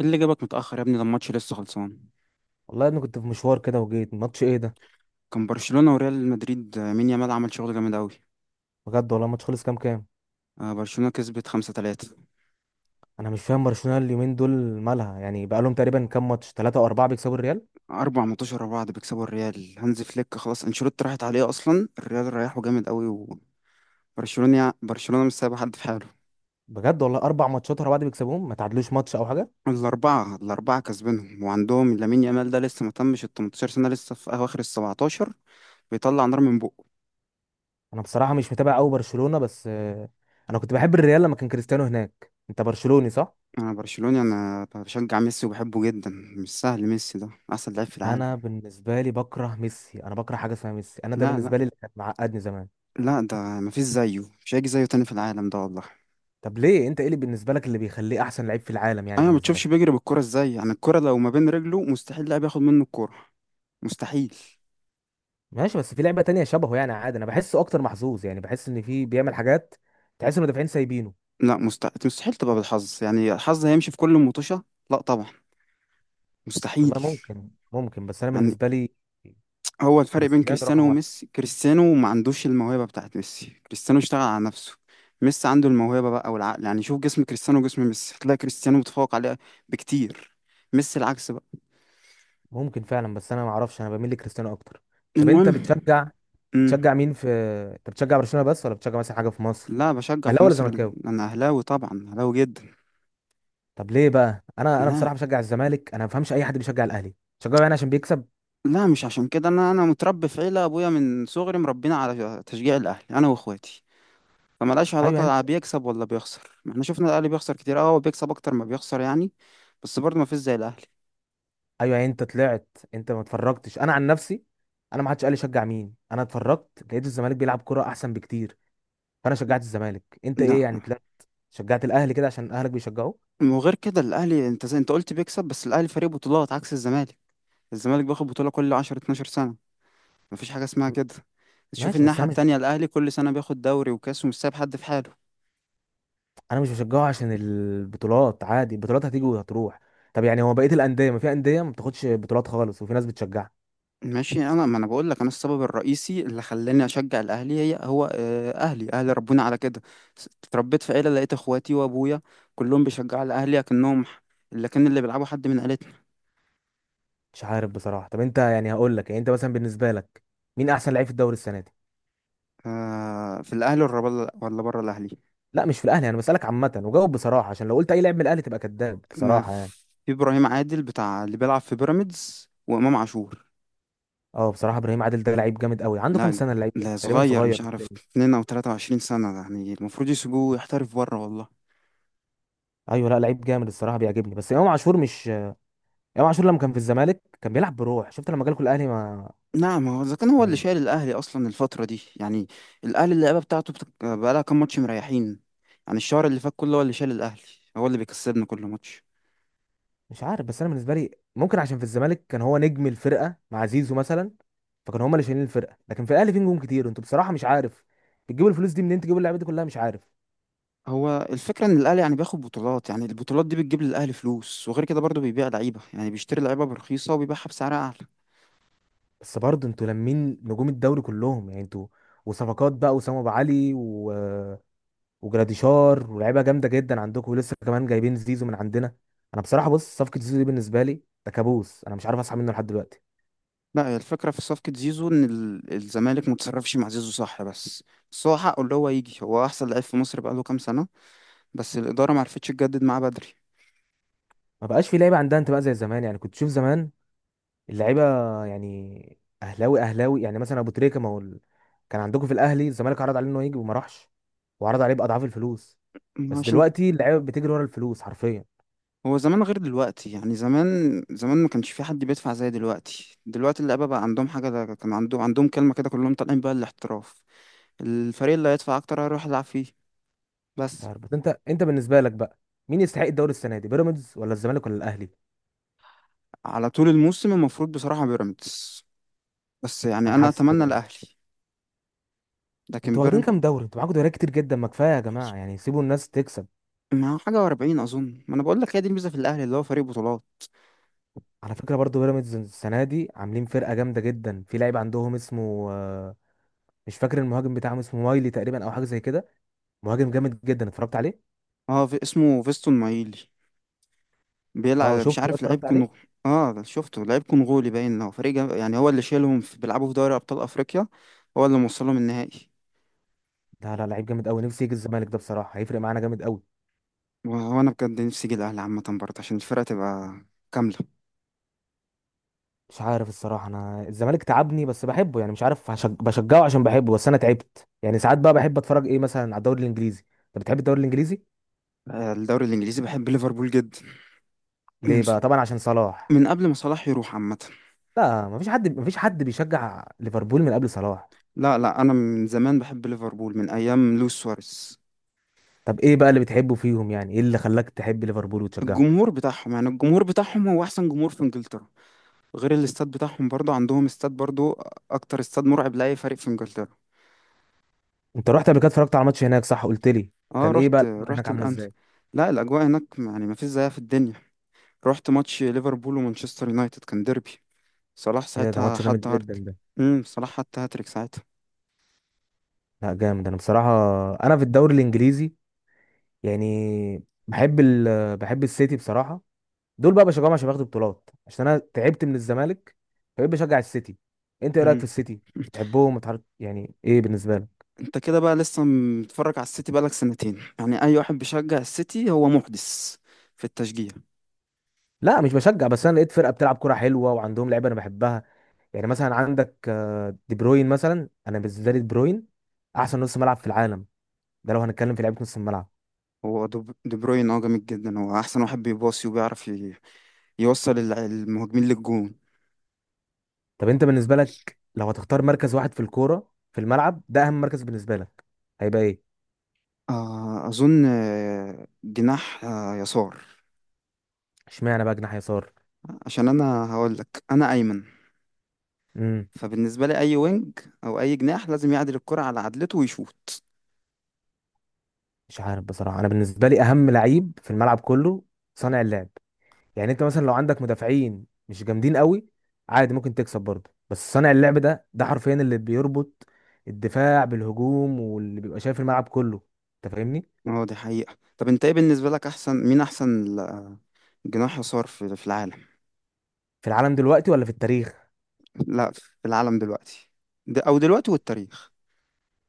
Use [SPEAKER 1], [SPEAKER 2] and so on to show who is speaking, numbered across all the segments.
[SPEAKER 1] إيه اللي جابك متأخر يا ابني؟ ده الماتش لسه خلصان.
[SPEAKER 2] والله انا كنت في مشوار كده وجيت. ماتش ايه ده؟
[SPEAKER 1] كان برشلونة وريال مدريد. مين يامال عمل شغل جامد أوي.
[SPEAKER 2] بجد والله، ماتش خلص كام؟
[SPEAKER 1] برشلونة كسبت 5-3.
[SPEAKER 2] انا مش فاهم برشلونة اليومين دول مالها يعني. بقالهم تقريبا كام ماتش، ثلاثة او اربعة، بيكسبوا الريال؟
[SPEAKER 1] 4 ماتشات ورا بعض بيكسبوا الريال. هانز فليك خلاص، أنشيلوتي راحت عليه أصلا، الريال ريحه جامد أوي. وبرشلونة مش سايبة حد في حاله.
[SPEAKER 2] بجد والله، اربع ماتشات ورا بعض بيكسبوهم، ما تعادلوش ماتش او حاجة؟
[SPEAKER 1] الأربعة الأربعة كسبينهم، وعندهم لامين يامال ده لسه ما تمش ال 18 سنة، لسه في أواخر ال 17، بيطلع نار من بقه.
[SPEAKER 2] انا بصراحة مش متابع قوي برشلونة، بس انا كنت بحب الريال لما كان كريستيانو هناك. انت برشلوني صح؟
[SPEAKER 1] أنا برشلوني، أنا بشجع ميسي وبحبه جدا. مش سهل، ميسي ده أحسن لعيب في العالم.
[SPEAKER 2] انا بالنسبة لي بكره ميسي، انا بكره حاجة اسمها ميسي، انا ده
[SPEAKER 1] لا لا،
[SPEAKER 2] بالنسبة لي اللي كان معقدني زمان.
[SPEAKER 1] لا ده مفيش زيه، مش هيجي زيه تاني في العالم ده والله.
[SPEAKER 2] طب ليه؟ انت ايه اللي بالنسبة لك اللي بيخليه احسن لعيب في العالم يعني
[SPEAKER 1] انا ما
[SPEAKER 2] بالنسبة
[SPEAKER 1] بتشوفش
[SPEAKER 2] لك؟
[SPEAKER 1] بيجري بالكرة ازاي؟ يعني الكرة لو ما بين رجله مستحيل لاعب ياخد منه الكرة، مستحيل.
[SPEAKER 2] ماشي، بس في لعبة تانية شبهه يعني، عادي. انا بحسه اكتر محظوظ، يعني بحس ان في بيعمل حاجات، تحس ان المدافعين سايبينه.
[SPEAKER 1] لا، مستحيل مستحيل تبقى بالحظ، يعني الحظ هيمشي في كل مطوشة؟ لا طبعا، مستحيل.
[SPEAKER 2] والله ممكن، بس انا
[SPEAKER 1] يعني
[SPEAKER 2] بالنسبة لي.
[SPEAKER 1] هو الفرق بين
[SPEAKER 2] كريستيانو
[SPEAKER 1] كريستيانو
[SPEAKER 2] رقم واحد.
[SPEAKER 1] وميسي، كريستيانو ما عندوش الموهبة بتاعت ميسي، كريستيانو اشتغل على نفسه. ميسي عنده الموهبة بقى والعقل، يعني شوف جسم كريستيانو وجسم ميسي هتلاقي كريستيانو متفوق عليه بكتير، ميسي العكس بقى.
[SPEAKER 2] ممكن فعلا، بس انا ما اعرفش، انا بميل لكريستيانو اكتر. طب انت
[SPEAKER 1] المهم.
[SPEAKER 2] بتشجع؟
[SPEAKER 1] مم.
[SPEAKER 2] بتشجع مين؟ انت بتشجع برشلونة بس، ولا بتشجع مثلا حاجة في مصر؟
[SPEAKER 1] لا بشجع في
[SPEAKER 2] اهلاوي ولا
[SPEAKER 1] مصر،
[SPEAKER 2] زملكاوي؟
[SPEAKER 1] انا اهلاوي طبعا، اهلاوي جدا.
[SPEAKER 2] طب ليه بقى؟ انا
[SPEAKER 1] لا
[SPEAKER 2] بصراحة بشجع الزمالك. انا ما بفهمش اي حد بيشجع الاهلي. بتشجعه يعني عشان بيكسب؟
[SPEAKER 1] لا، مش عشان كده، انا متربي في عيله، ابويا من صغري مربينا على تشجيع الاهلي انا واخواتي، فملهاش علاقه
[SPEAKER 2] ايوه.
[SPEAKER 1] لا بيكسب ولا بيخسر، ما احنا شفنا الاهلي بيخسر كتير. اه هو بيكسب اكتر ما بيخسر يعني، بس برضه ما فيش زي الاهلي.
[SPEAKER 2] ايوه يعني انت طلعت، انت. ما اتفرجتش. انا عن نفسي، انا ما حدش قال لي شجع مين، انا اتفرجت لقيت الزمالك بيلعب كرة احسن بكتير، فانا شجعت الزمالك. انت ايه
[SPEAKER 1] لا،
[SPEAKER 2] يعني؟ طلعت شجعت الاهلي كده عشان اهلك بيشجعوه؟
[SPEAKER 1] وغير كده الاهلي انت زي انت قلت بيكسب، بس الاهلي فريق بطولات عكس الزمالك، الزمالك بياخد بطوله كل 10 12 سنه، ما فيش حاجه اسمها
[SPEAKER 2] م-
[SPEAKER 1] كده. تشوف
[SPEAKER 2] ماشي، بس
[SPEAKER 1] الناحيه
[SPEAKER 2] انا مش
[SPEAKER 1] التانية الاهلي كل سنه بياخد دوري وكاس ومش سايب حد في حاله.
[SPEAKER 2] انا مش بشجعه عشان البطولات، عادي، البطولات هتيجي وهتروح. طب يعني هو بقية الاندية؟ ما في اندية ما بتاخدش بطولات خالص وفي ناس بتشجعها.
[SPEAKER 1] ماشي، انا ما انا بقول لك، انا السبب الرئيسي اللي خلاني اشجع الاهلي هي هو، اهلي اهلي ربوني على كده. اتربيت في عيله لقيت اخواتي وابويا كلهم بيشجعوا الاهلي، اكنهم اللي كان اللي بيلعبوا حد من عيلتنا.
[SPEAKER 2] مش عارف بصراحة. طب انت يعني، هقول لك، يعني انت مثلا بالنسبة لك مين احسن لعيب في الدوري السنة دي؟
[SPEAKER 1] في الاهلي ولا بره؟ ولا بره الاهلي؟
[SPEAKER 2] لا، مش في الاهلي، انا بسألك عامة، وجاوب بصراحة، عشان لو قلت اي لاعب من الاهلي تبقى كذاب
[SPEAKER 1] ما
[SPEAKER 2] بصراحة يعني.
[SPEAKER 1] في ابراهيم عادل بتاع اللي بيلعب في بيراميدز، وامام عاشور.
[SPEAKER 2] اه بصراحه ابراهيم عادل ده لعيب جامد قوي. عنده كام
[SPEAKER 1] لا
[SPEAKER 2] سنه اللعيب ده؟
[SPEAKER 1] لا،
[SPEAKER 2] تقريبا
[SPEAKER 1] صغير
[SPEAKER 2] صغير
[SPEAKER 1] مش عارف،
[SPEAKER 2] بالتالي.
[SPEAKER 1] 2 او 23 سنه يعني، المفروض يسيبوه يحترف بره والله.
[SPEAKER 2] ايوه، لا لعيب جامد الصراحه، بيعجبني. بس امام عاشور مش، امام عاشور لما كان في الزمالك كان بيلعب بروح. شفت لما جالكوا الاهلي؟ ما
[SPEAKER 1] نعم هو اذا كان هو اللي
[SPEAKER 2] يعني،
[SPEAKER 1] شايل الاهلي اصلا الفتره دي يعني، الاهلي اللعيبه بتاعته بقالها كام ماتش مريحين يعني، الشهر اللي فات كله هو اللي شايل الاهلي، هو اللي بيكسبنا كل ماتش.
[SPEAKER 2] مش عارف. بس انا بالنسبه لي، ممكن عشان في الزمالك كان هو نجم الفرقه مع زيزو مثلا، فكانوا هما اللي شايلين الفرقه. لكن في الاهلي في نجوم كتير. انتوا بصراحه مش عارف بتجيبوا الفلوس دي منين، تجيبوا اللعيبه دي كلها. مش عارف،
[SPEAKER 1] هو الفكره ان الاهلي يعني بياخد بطولات، يعني البطولات دي بتجيب للاهلي فلوس، وغير كده برضه بيبيع لعيبه، يعني بيشتري لعيبه برخيصه وبيبيعها بسعر اعلى.
[SPEAKER 2] بس برضه انتوا لمين نجوم الدوري كلهم يعني انتوا. وصفقات بقى، وسام ابو علي وجراديشار، ولاعيبه جامده جدا عندكم، ولسه كمان جايبين زيزو من عندنا. انا بصراحه بص، صفقه زيزو دي بالنسبه لي ده كابوس، انا مش عارف اصحى منه لحد دلوقتي.
[SPEAKER 1] لا، هي الفكره في صفقه زيزو ان الزمالك متصرفش مع زيزو صح، بس بس هو حقه اللي هو يجي، هو احسن لعيب في مصر بقاله كام سنه، بس الاداره معرفتش تجدد معاه بدري.
[SPEAKER 2] ما بقاش في لعيبه عندها انتماء زي زمان. يعني كنت تشوف زمان اللعيبه يعني اهلاوي اهلاوي. يعني مثلا ابو تريكه، ما هو كان عندكم في الاهلي، الزمالك عرض عليه انه يجي وما راحش، وعرض عليه باضعاف الفلوس. بس
[SPEAKER 1] عشان
[SPEAKER 2] دلوقتي اللعيبه بتجري ورا الفلوس حرفيا.
[SPEAKER 1] هو زمان غير دلوقتي، يعني زمان، زمان ما كانش في حد بيدفع زي دلوقتي، دلوقتي اللعيبه بقى عندهم حاجه، ده كان عندهم عندهم كلمه كده، كلهم طالعين بقى الاحتراف، الفريق اللي هيدفع اكتر هيروح يلعب فيه
[SPEAKER 2] مش
[SPEAKER 1] بس.
[SPEAKER 2] عارف، بس انت بالنسبه لك بقى مين يستحق الدوري السنه دي، بيراميدز ولا الزمالك ولا الاهلي؟
[SPEAKER 1] على طول الموسم المفروض بصراحه بيراميدز، بس يعني
[SPEAKER 2] انا
[SPEAKER 1] انا
[SPEAKER 2] حاسس
[SPEAKER 1] اتمنى
[SPEAKER 2] كده برضه.
[SPEAKER 1] الاهلي، لكن
[SPEAKER 2] انتوا واخدين
[SPEAKER 1] بيراميدز.
[SPEAKER 2] كام دوري؟ انتوا معاكم دوريات كتير جدا. ما كفايه يا جماعه يعني، سيبوا الناس تكسب.
[SPEAKER 1] ما هو حاجه و40 اظن، ما انا بقول لك هي دي الميزه في الاهلي اللي هو فريق بطولات.
[SPEAKER 2] على فكره برضو بيراميدز السنه دي عاملين فرقه جامده جدا. في لعيب عندهم اسمه مش فاكر، المهاجم بتاعهم اسمه مايلي تقريبا، او حاجه زي كده. مهاجم جامد جدا، اتفرجت عليه.
[SPEAKER 1] اه في، اسمه فيستون مايلي،
[SPEAKER 2] اه
[SPEAKER 1] بيلعب مش
[SPEAKER 2] شفت ده،
[SPEAKER 1] عارف، لعيب
[SPEAKER 2] اتفرجت عليه.
[SPEAKER 1] كونغولي. اه شفته، لعيب كونغولي باين، هو فريق يعني هو اللي شايلهم في... بيلعبوا في دوري ابطال افريقيا، هو اللي موصلهم النهائي.
[SPEAKER 2] لا لعيب جامد قوي، نفسي يجي الزمالك ده بصراحه، هيفرق معانا جامد قوي.
[SPEAKER 1] وهو انا بجد نفسي اجي الاهلي عامه برضه عشان الفرقه تبقى كامله.
[SPEAKER 2] مش عارف الصراحه، انا الزمالك تعبني، بس بحبه يعني. مش عارف بشجعه عشان بحبه، بس انا تعبت يعني. ساعات بقى بحب اتفرج ايه، مثلا على الدوري الانجليزي. انت بتحب الدوري الانجليزي؟
[SPEAKER 1] الدوري الانجليزي بحب ليفربول جدا. من
[SPEAKER 2] ليه بقى، طبعا عشان صلاح؟
[SPEAKER 1] من قبل ما صلاح يروح عامه.
[SPEAKER 2] لا، مفيش حد بيشجع ليفربول من قبل صلاح؟
[SPEAKER 1] لا لا، انا من زمان بحب ليفربول من ايام لويس سواريز.
[SPEAKER 2] طب ايه بقى اللي بتحبه فيهم؟ يعني ايه اللي خلاك تحب ليفربول وتشجعه؟
[SPEAKER 1] الجمهور بتاعهم، يعني الجمهور بتاعهم هو احسن جمهور في انجلترا، غير الاستاد بتاعهم، برضه عندهم استاد برضه اكتر استاد مرعب لاي فريق في انجلترا.
[SPEAKER 2] انت رحت قبل كده اتفرجت على ماتش هناك صح، قلت لي؟
[SPEAKER 1] اه
[SPEAKER 2] كان ايه بقى
[SPEAKER 1] رحت،
[SPEAKER 2] الاجواء هناك
[SPEAKER 1] رحت
[SPEAKER 2] عامله
[SPEAKER 1] الانف.
[SPEAKER 2] ازاي؟
[SPEAKER 1] لا الاجواء هناك يعني ما فيش زيها في الدنيا، رحت ماتش ليفربول ومانشستر يونايتد، كان ديربي، صلاح
[SPEAKER 2] ايه ده، ده
[SPEAKER 1] ساعتها
[SPEAKER 2] ماتش جامد
[SPEAKER 1] حط
[SPEAKER 2] جدا
[SPEAKER 1] هارت.
[SPEAKER 2] ده.
[SPEAKER 1] صلاح حط هاتريك ساعتها.
[SPEAKER 2] لا جامد. انا بصراحه انا في الدوري الانجليزي يعني بحب بحب السيتي بصراحه. دول بقى بشجعهم عشان بياخدوا بطولات، عشان انا تعبت من الزمالك، فبقيت بشجع السيتي. انت ايه رايك في
[SPEAKER 1] امم
[SPEAKER 2] السيتي؟ بتحبهم؟ بتعرف يعني ايه بالنسبه لك؟
[SPEAKER 1] انت كده بقى لسه متفرج على السيتي بقالك 2 سنين، يعني اي واحد بيشجع السيتي هو محدث في التشجيع.
[SPEAKER 2] لا مش بشجع، بس انا لقيت فرقه بتلعب كره حلوه وعندهم لعيبه انا بحبها. يعني مثلا عندك دي بروين مثلا. انا بالنسبه لي دي بروين احسن نص ملعب في العالم، ده لو هنتكلم في لعيبه نص الملعب.
[SPEAKER 1] هو دو دي بروين اه جامد جدا، هو احسن واحد بيباصي وبيعرف يوصل المهاجمين للجون.
[SPEAKER 2] طب انت بالنسبه لك لو هتختار مركز واحد في الكوره في الملعب، ده اهم مركز بالنسبه لك هيبقى ايه؟
[SPEAKER 1] اظن، جناح، يسار.
[SPEAKER 2] اشمعنى بقى جناح يسار؟
[SPEAKER 1] عشان انا هقول لك، انا ايمن،
[SPEAKER 2] امم
[SPEAKER 1] فبالنسبة لي أي وينج أو أي جناح لازم يعدل الكرة على عدلته ويشوط.
[SPEAKER 2] مش عارف بصراحه، انا بالنسبه لي اهم لعيب في الملعب كله صانع اللعب. يعني انت مثلا لو عندك مدافعين مش جامدين قوي، عادي ممكن تكسب برضه، بس صانع اللعب ده ده حرفيا اللي بيربط الدفاع بالهجوم، واللي بيبقى شايف الملعب كله. انت فاهمني؟
[SPEAKER 1] اه دي حقيقة. طب أنت إيه بالنسبة لك أحسن مين، أحسن جناح يسار في, في العالم؟
[SPEAKER 2] في العالم دلوقتي ولا في التاريخ؟
[SPEAKER 1] لا في العالم دلوقتي، ده أو دلوقتي والتاريخ.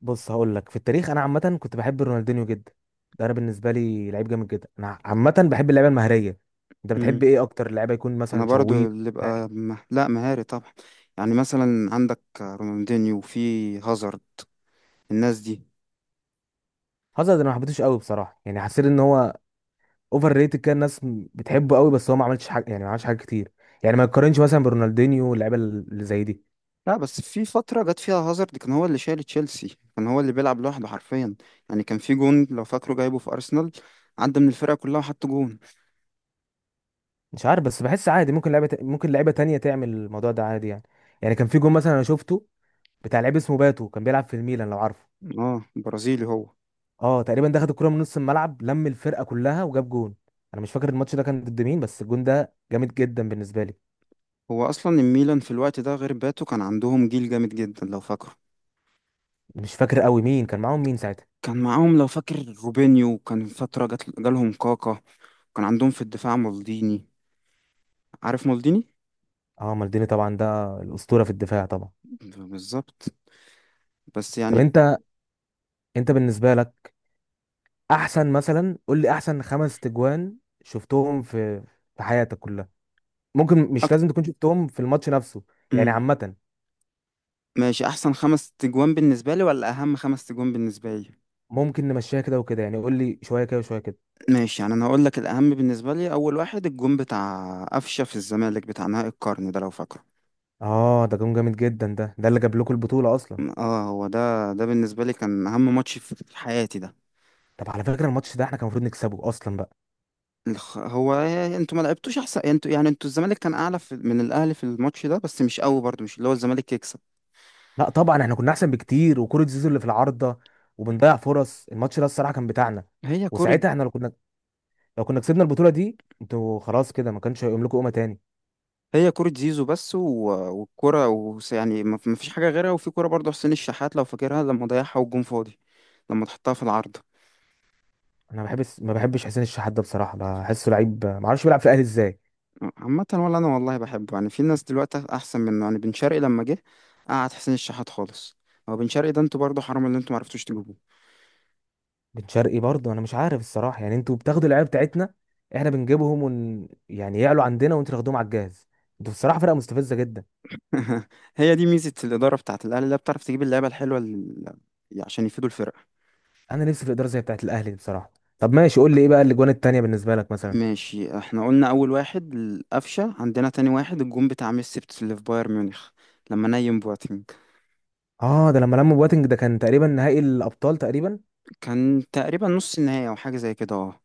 [SPEAKER 2] بص هقول لك، في التاريخ انا عامه كنت بحب رونالدينيو جدا. ده انا بالنسبه لي لعيب جامد جدا. انا عامه بحب اللعيبه المهاريه. انت بتحب
[SPEAKER 1] امم
[SPEAKER 2] ايه اكتر، لعيبه يكون
[SPEAKER 1] أنا
[SPEAKER 2] مثلا
[SPEAKER 1] برضو
[SPEAKER 2] شويط
[SPEAKER 1] اللي
[SPEAKER 2] مهاري؟
[SPEAKER 1] بقى لا مهاري طبعا، يعني مثلا عندك رونالدينيو وفي هازارد، الناس دي.
[SPEAKER 2] هازارد انا ما حبيتهوش قوي بصراحه. يعني حسيت ان هو اوفر ريتد كده، الناس بتحبه قوي بس هو ما عملش حاجه يعني، ما عملش حاجه كتير. يعني ما يقارنش مثلا برونالدينيو واللعيبه اللي زي دي.
[SPEAKER 1] لا بس في فترة جت فيها هازارد كان هو اللي شايل تشيلسي، كان هو اللي بيلعب لوحده حرفيا، يعني كان في جون لو فاكره جايبه في أرسنال، عدى من الفرقة كلها وحط جون.
[SPEAKER 2] مش عارف، بس بحس عادي ممكن ممكن لعيبه تانية تعمل الموضوع ده عادي يعني. يعني كان في جون مثلا انا شفته بتاع لعيب اسمه باتو، كان بيلعب في الميلان لو عارفه.
[SPEAKER 1] اه برازيلي هو.
[SPEAKER 2] اه تقريبا، ده خد الكرة من نص الملعب، لم الفرقة كلها وجاب جون. انا مش فاكر الماتش ده كان ضد مين، بس الجون ده جامد جدا بالنسبة لي.
[SPEAKER 1] هو اصلا الميلان في الوقت ده غير باتو كان عندهم جيل جامد جدا لو فاكره.
[SPEAKER 2] مش فاكر قوي مين كان معاهم مين ساعتها.
[SPEAKER 1] كان معاهم لو فاكر روبينيو، كان فترة جات جالهم كاكا، كان عندهم في الدفاع مالديني، عارف مالديني؟
[SPEAKER 2] اه مالديني طبعا، ده الأسطورة في الدفاع طبعا.
[SPEAKER 1] بالظبط، بس
[SPEAKER 2] طب
[SPEAKER 1] يعني.
[SPEAKER 2] انت بالنسبة لك احسن، مثلا قول لي احسن خمس تجوان شفتهم في، في حياتك كلها. ممكن مش
[SPEAKER 1] أكتر.
[SPEAKER 2] لازم تكون شفتهم في الماتش نفسه، يعني عامة.
[SPEAKER 1] ماشي، احسن 5 تجوان بالنسبة لي ولا اهم 5 تجوان بالنسبة لي؟
[SPEAKER 2] ممكن نمشيها كده وكده يعني، قول لي شوية كده وشوية كده.
[SPEAKER 1] ماشي، يعني انا هقول لك، الاهم بالنسبة لي اول واحد الجون بتاع قفشة في الزمالك بتاع نهائي القرن، ده لو فاكره.
[SPEAKER 2] اه ده جون جامد جدا، ده اللي جاب لكم البطولة اصلا.
[SPEAKER 1] اه هو ده، ده بالنسبة لي كان اهم ماتش في حياتي ده.
[SPEAKER 2] طب على فكرة الماتش ده احنا كان المفروض نكسبه اصلا بقى.
[SPEAKER 1] هو انتوا ما لعبتوش احسن، انتوا يعني، انتوا الزمالك كان اعلى في من الاهلي في الماتش ده، بس مش قوي برضو مش اللي هو الزمالك يكسب.
[SPEAKER 2] لا طبعا احنا كنا احسن بكتير، وكرة زيزو اللي في العارضة، وبنضيع فرص، الماتش ده الصراحة كان بتاعنا.
[SPEAKER 1] هي كرة،
[SPEAKER 2] وساعتها احنا لو كنا، لو كنا كسبنا البطولة دي، انتوا خلاص كده ما كانش هيقوم لكم قومة تاني.
[SPEAKER 1] هي كرة زيزو بس و... والكرة و... يعني ما ما فيش حاجة غيرها، وفي كرة برضو حسين الشحات لو فاكرها لما ضيعها والجون فاضي، لما تحطها في العارضة.
[SPEAKER 2] انا ما بحبش حسين الشحات ده بصراحة، بحسه لعيب ما اعرفش بيلعب في الاهلي ازاي.
[SPEAKER 1] عامة ولا انا والله بحبه، يعني في ناس دلوقتي احسن منه، يعني بن شرقي لما جه قعد حسين الشحات خالص. هو بن شرقي ده انتوا برضو حرام اللي انتوا ما عرفتوش تجيبوه.
[SPEAKER 2] بن شرقي برضه انا مش عارف الصراحة. يعني انتوا بتاخدوا اللعيبة بتاعتنا، احنا بنجيبهم يعني يعلوا عندنا وانتوا تاخدوهم على الجاهز. انتوا بصراحة فرقة مستفزة جدا.
[SPEAKER 1] هي دي ميزة الإدارة بتاعت الأهلي، اللي هي بتعرف تجيب اللعيبة الحلوة عشان يفيدوا الفرقة.
[SPEAKER 2] انا نفسي في ادارة زي بتاعت الاهلي دي بصراحة. طب ماشي، قول لي ايه بقى الاجوان التانية بالنسبة لك مثلا؟
[SPEAKER 1] ماشي، احنا قلنا اول واحد القفشه عندنا، تاني واحد الجون بتاع ميسي اللي في بايرن ميونخ لما نيم بواتينج.
[SPEAKER 2] اه ده لما لموا بواتنج، ده كان تقريبا نهائي الابطال تقريبا.
[SPEAKER 1] كان تقريبا نص النهائي او حاجه زي كده اه.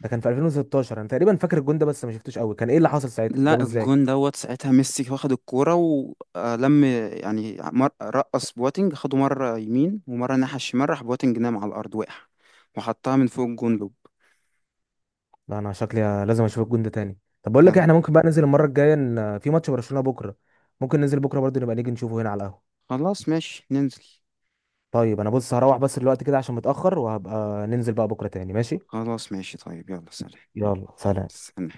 [SPEAKER 2] ده كان في 2016 انا تقريبا فاكر الجون ده، بس ما شفتوش قوي، كان ايه اللي حصل ساعتها، جابه
[SPEAKER 1] لا
[SPEAKER 2] ازاي؟
[SPEAKER 1] الجون دوت ساعتها ميسي واخد الكوره ولم، يعني رقص بواتينج، خده مره يمين ومره ناحيه الشمال، راح بواتينج نام على الارض وقع، وحطها من فوق الجون لوب.
[SPEAKER 2] لا انا شكلي لازم اشوف الجون ده تاني. طب بقول لك
[SPEAKER 1] لا.
[SPEAKER 2] احنا ممكن بقى ننزل المره الجايه، في ماتش برشلونه بكره، ممكن ننزل بكره برضه، نبقى نيجي نشوفه هنا على القهوه.
[SPEAKER 1] خلاص ماشي ننزل.
[SPEAKER 2] طيب انا بص هروح بس دلوقتي كده عشان متاخر، وهبقى ننزل بقى بكره تاني ماشي.
[SPEAKER 1] خلاص ماشي، طيب يلا سلام.
[SPEAKER 2] يلا سلام.
[SPEAKER 1] استنى.